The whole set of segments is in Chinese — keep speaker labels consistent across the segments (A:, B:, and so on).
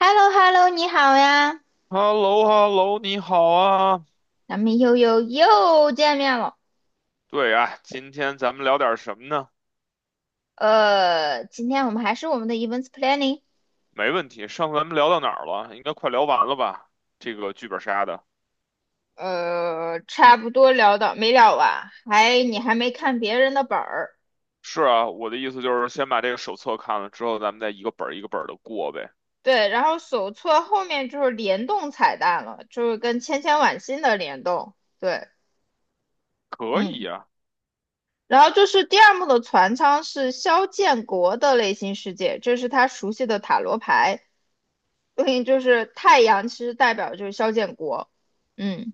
A: h e l l o h e l l o 你好呀，
B: h e l l o h e l l o 你好啊。
A: 咱们又又又见面了。
B: 对啊，今天咱们聊点什么呢？
A: 今天我们还是我们的 events planning，
B: 没问题，上次咱们聊到哪儿了？应该快聊完了吧？这个剧本杀的。
A: 差不多聊到没聊完，你还没看别人的本儿，
B: 是啊，我的意思就是先把这个手册看了之后，咱们再一个本儿一个本儿的过呗。
A: 对，然后手册后面就是联动彩蛋了，就是跟千千晚星的联动，对，
B: 可以
A: 嗯，
B: 呀、
A: 然后就是第二幕的船舱是肖建国的内心世界，这是他熟悉的塔罗牌，对应就是太阳，其实代表就是肖建国，嗯。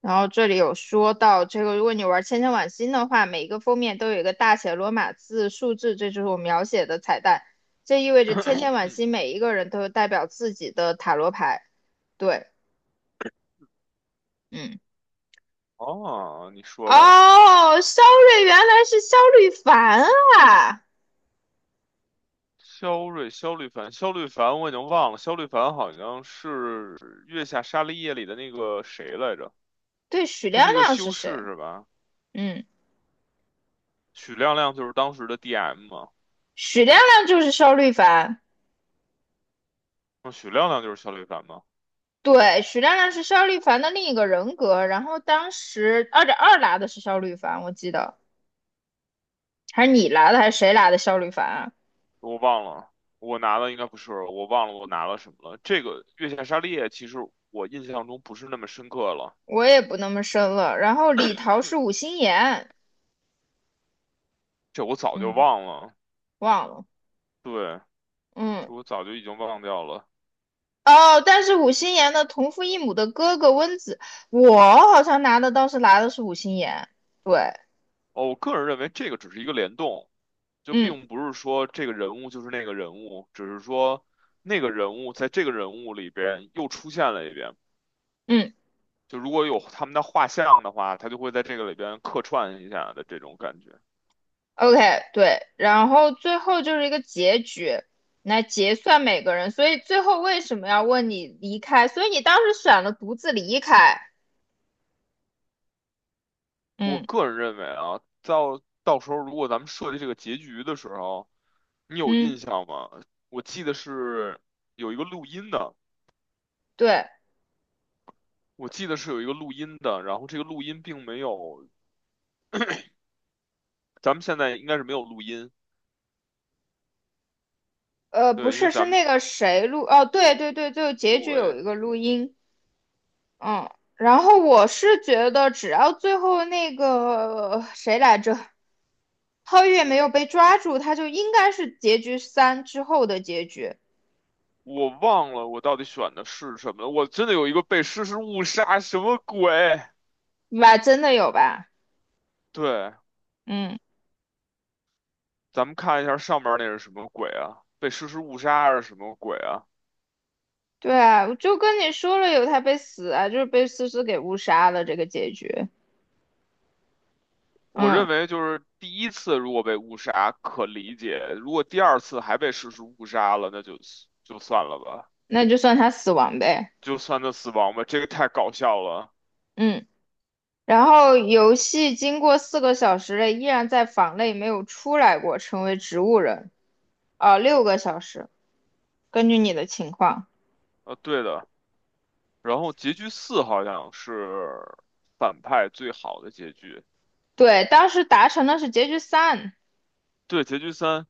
A: 然后这里有说到这个，如果你玩千千晚星的话，每一个封面都有一个大写罗马字数字，这就是我描写的彩蛋。这意味着千千 晚
B: 嗯，
A: 星每一个人都有代表自己的塔罗牌。对，嗯，
B: 哦，你说的
A: 哦，肖瑞原来是肖瑞凡啊！
B: 肖瑞、肖律凡，我已经忘了，肖律凡好像是《月下沙利叶》里的那个谁来着？
A: 对，许
B: 他
A: 亮
B: 是一个
A: 亮是
B: 修
A: 谁？
B: 士是吧？
A: 嗯，
B: 许亮亮就是当时的 DM 嘛。
A: 许亮亮就是肖瑞凡。
B: 嗯，许亮亮就是肖李凡吗？
A: 对，许亮亮是肖瑞凡的另一个人格。然后当时2.2拿的是肖瑞凡，我记得还是你拿的还是谁拿的肖瑞凡啊？
B: 我忘了，我拿的应该不是，我忘了我拿了什么了。这个《月下沙利叶其实我印象中不是那么深刻了，
A: 我也不那么深了。然后李桃是五心言，
B: 这我早就
A: 嗯，
B: 忘了。
A: 忘了，
B: 对，
A: 嗯，
B: 这我早就已经忘掉了。
A: 哦，但是五心言的同父异母的哥哥温子，我好像拿的倒是拿的是五心言，对，
B: 哦，我个人认为这个只是一个联动，就
A: 嗯
B: 并不是说这个人物就是那个人物，只是说那个人物在这个人物里边又出现了一遍。
A: 嗯
B: 就如果有他们的画像的话，他就会在这个里边客串一下的这种感觉。
A: ，OK,对，然后最后就是一个结局，来结算每个人，所以最后为什么要问你离开？所以你当时选了独自离开，
B: 我
A: 嗯
B: 个人认为啊，到时候如果咱们设计这个结局的时候，你有印
A: 嗯，
B: 象吗？我记得是有一个录音的，
A: 对，
B: 我记得是有一个录音的，然后这个录音并没有，咱们现在应该是没有录音，
A: 不
B: 对，因为
A: 是，是
B: 咱们
A: 那个谁录，哦，对对对，最后结局有
B: 我
A: 一个录音。嗯，然后我是觉得，只要最后那个谁来着，皓月没有被抓住，他就应该是结局三之后的结局，
B: 我忘了我到底选的是什么了，我真的有一个被诗诗误杀，什么鬼？
A: 吧？真的有吧？
B: 对，
A: 嗯，
B: 咱们看一下上面那是什么鬼啊？被诗诗误杀还是什么鬼啊？
A: 对啊，我就跟你说了，有他被死啊，就是被思思给误杀了这个结局。
B: 我
A: 嗯，
B: 认为就是第一次如果被误杀可理解，如果第二次还被实施误杀了，那就就算了吧，
A: 那就算他死亡呗。
B: 就算他死亡吧，这个太搞笑了。
A: 嗯，然后游戏经过4个小时了，依然在房内没有出来过，成为植物人。啊、6个小时，根据你的情况。
B: 对的，然后结局四好像是反派最好的结局，
A: 对，当时达成的是结局三，
B: 对，结局三，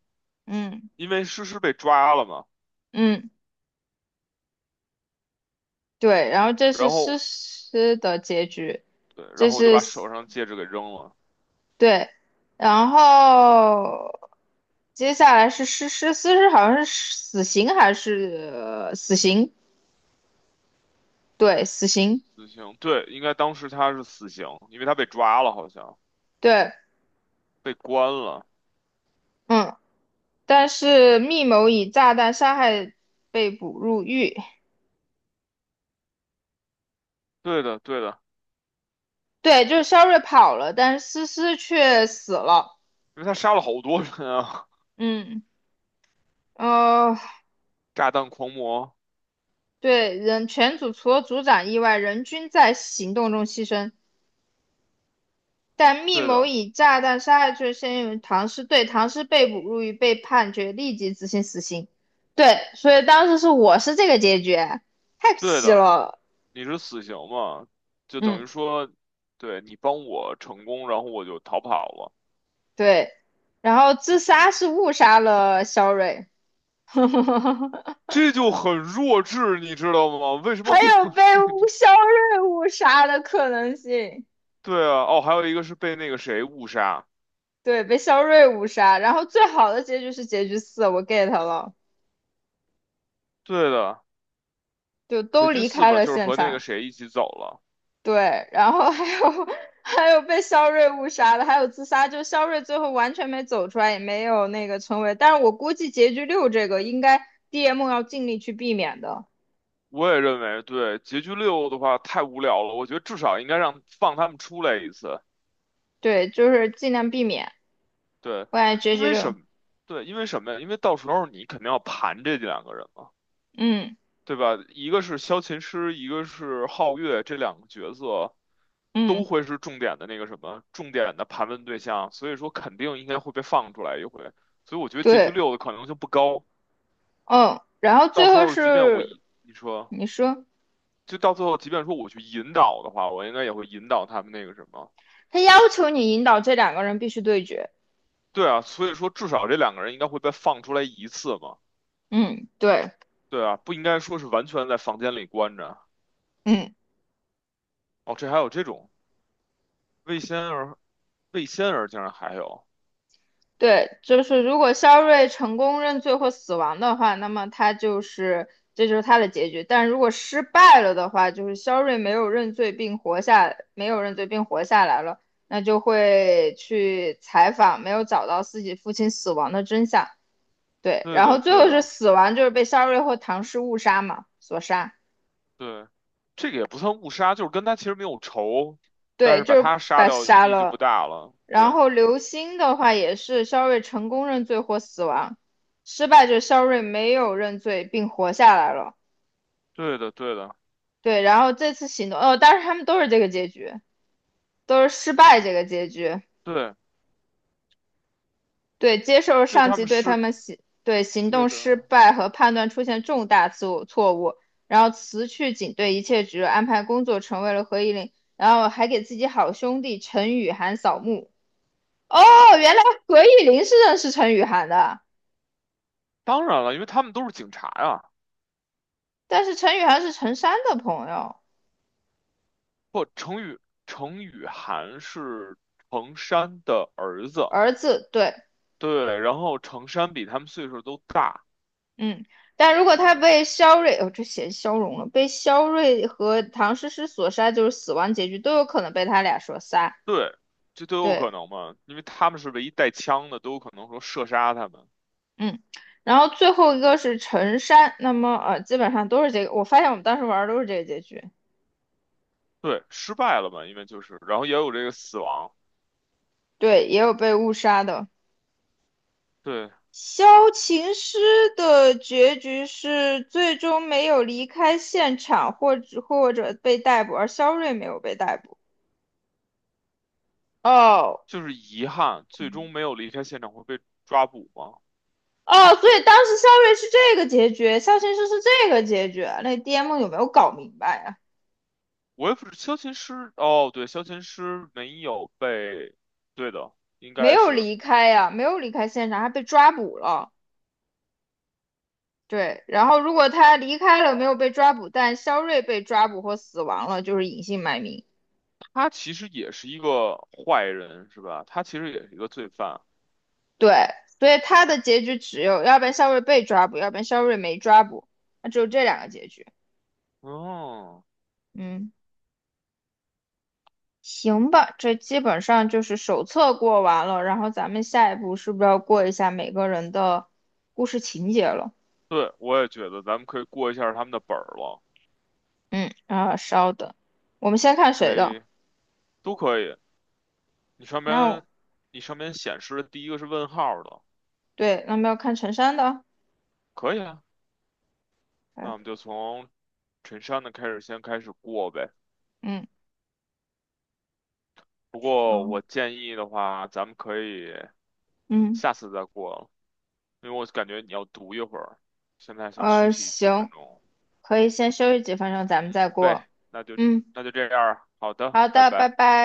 A: 嗯
B: 因为诗诗被抓了嘛，
A: 嗯，对，然后这是
B: 然后
A: 诗诗的结局，
B: 对，然
A: 这
B: 后我就
A: 是
B: 把手上戒指给扔了，
A: 对，然后接下来是诗诗好像是死刑还是、死刑？对，死刑，
B: 死刑，对，应该当时他是死刑，因为他被抓了，好像
A: 对，
B: 被关了，
A: 嗯，但是密谋以炸弹杀害被捕入狱，
B: 对的，对的，
A: 对，就是肖瑞跑了，但是思思却死了，
B: 因为他杀了好多人啊。
A: 嗯。哦，
B: 炸弹狂魔，
A: 对，人全组除了组长以外，人均在行动中牺牲。但密
B: 对
A: 谋
B: 的，
A: 以炸弹杀害罪先用于唐诗对，唐诗被捕入狱，被判决立即执行死刑。对，所以当时是我是这个结局，太
B: 对
A: 皮
B: 的，
A: 了。
B: 你是死刑嘛？就等
A: 嗯，
B: 于说，对你帮我成功，然后我就逃跑了，
A: 对，然后自杀是误杀了肖瑞，
B: 这就很弱智，你知道吗？为什么
A: 还
B: 会
A: 有
B: 有
A: 被
B: 这个？
A: 肖瑞误杀的可能性。
B: 对啊，哦，还有一个是被那个谁误杀，
A: 对，被肖瑞误杀。然后最好的结局是结局四，我 get 了。
B: 对的，
A: 就
B: 结
A: 都
B: 局
A: 离
B: 四
A: 开
B: 嘛，
A: 了
B: 就是
A: 现
B: 和那个
A: 场。
B: 谁一起走了。
A: 对，然后还有 还有被肖瑞误杀的，还有自杀，就肖瑞最后完全没走出来，也没有那个成为。但是我估计结局六这个应该 DM 要尽力去避免的，
B: 我也认为，对，结局六的话太无聊了，我觉得至少应该让放他们出来一次，
A: 对，就是尽量避免。
B: 对，
A: 我感觉结
B: 因
A: 局
B: 为
A: 六，
B: 什么对，因为什么呀？因为到时候你肯定要盘这两个人。
A: 嗯
B: 对吧？一个是萧琴师，一个是皓月，这两个角色都
A: 嗯，
B: 会是重点的那个什么，重点的盘问对象，所以说肯定应该会被放出来一回。所以我觉得结局
A: 对，
B: 六的可能性不高。
A: 嗯，然后
B: 到
A: 最
B: 时
A: 后
B: 候即便我
A: 是
B: 一你说，
A: 你说
B: 就到最后，即便说我去引导的话，我应该也会引导他们那个什么。
A: 他要求你引导这两个人必须对决，
B: 对啊，所以说至少这两个人应该会被放出来一次嘛。
A: 嗯，对，
B: 对啊，不应该说是完全在房间里关着。
A: 嗯。
B: 哦，这还有这种魏仙儿，魏仙儿竟然还有。
A: 对，就是如果肖瑞成功认罪或死亡的话，那么他就是这就是他的结局。但如果失败了的话，就是肖瑞没有认罪并活下，没有认罪并活下来了，那就会去采访没有找到自己父亲死亡的真相。对，
B: 对
A: 然后
B: 的，
A: 最
B: 对
A: 后是
B: 的。
A: 死亡，就是被肖瑞或唐氏误杀嘛，所杀。
B: 对，这个也不算误杀，就是跟他其实没有仇，但
A: 对，
B: 是把
A: 就是
B: 他
A: 把
B: 杀
A: 他
B: 掉意
A: 杀
B: 义就不
A: 了。
B: 大了。
A: 然
B: 对，
A: 后刘星的话也是肖瑞成功认罪或死亡，失败者肖瑞没有认罪并活下来了。
B: 对的，对的，
A: 对，然后这次行动，哦，但是他们都是这个结局，都是失败这个结局。
B: 对，
A: 对，接受
B: 就
A: 上
B: 他
A: 级
B: 们
A: 对他
B: 是
A: 们行对行
B: 对
A: 动
B: 的。
A: 失败和判断出现重大错误，然后辞去警队一切职务，安排工作成为了何以琳，然后还给自己好兄弟陈雨涵扫墓。哦，原来何以琳是认识陈雨涵的。
B: 当然了，因为他们都是警察呀。
A: 但是陈雨涵是陈山的朋友，
B: 不，程宇涵是程山的儿子，
A: 儿子，对，
B: 对，然后程山比他们岁数都大，
A: 嗯。但如果
B: 对
A: 他被肖瑞，哦，这写消融了，被肖瑞和唐诗诗所杀，就是死亡结局，都有可能被他俩所杀。
B: 对，这都有可
A: 对，
B: 能嘛，因为他们是唯一带枪的，都有可能说射杀他们，
A: 嗯。然后最后一个是陈山，那么基本上都是这个。我发现我们当时玩儿都是这个结局，
B: 对，失败了嘛，因为就是，然后也有这个死亡。
A: 对，也有被误杀的。
B: 对，
A: 萧琴诗的结局是最终没有离开现场，或者被逮捕，而肖瑞没有被逮捕。哦，
B: 就是遗憾，最终没有离开现场会被抓捕吗？
A: 哦，所以当时肖瑞是这个结局，肖先生是这个结局，那 DM 有没有搞明白呀、
B: 我也不是，萧琴师，哦，对，萧琴师没有被，对的，应
A: 没
B: 该
A: 有
B: 是
A: 离开呀、没有离开现场，还被抓捕了。对，然后如果他离开了，没有被抓捕，但肖瑞被抓捕或死亡了，就是隐姓埋名。
B: 他其实也是一个坏人，是吧？他其实也是一个罪犯。
A: 对，所以他的结局只有，要不然肖瑞被抓捕，要不然肖瑞没抓捕，那只有这两个结局。
B: 嗯，
A: 嗯，行吧，这基本上就是手册过完了，然后咱们下一步是不是要过一下每个人的故事情节了？
B: 对，我也觉得咱们可以过一下他们的本儿了，
A: 嗯，啊，稍等，我们先看
B: 可
A: 谁的？
B: 以，都可以。你上
A: 那
B: 面，
A: 我
B: 你上面显示的第一个是问号的，
A: 对，那么要看陈山的。
B: 可以啊。那
A: 哎，
B: 我们就从陈山的开始，先开始过呗。
A: 嗯，
B: 不过
A: 稍，
B: 我建议的话，咱们可以
A: 嗯，
B: 下次再过了因为我感觉你要读一会儿，现在想休息几分
A: 行，
B: 钟。
A: 可以先休息几分钟，咱们
B: 行
A: 再过。
B: 呗，那就
A: 嗯，
B: 那就这样儿好的，
A: 好
B: 拜
A: 的，拜
B: 拜。
A: 拜。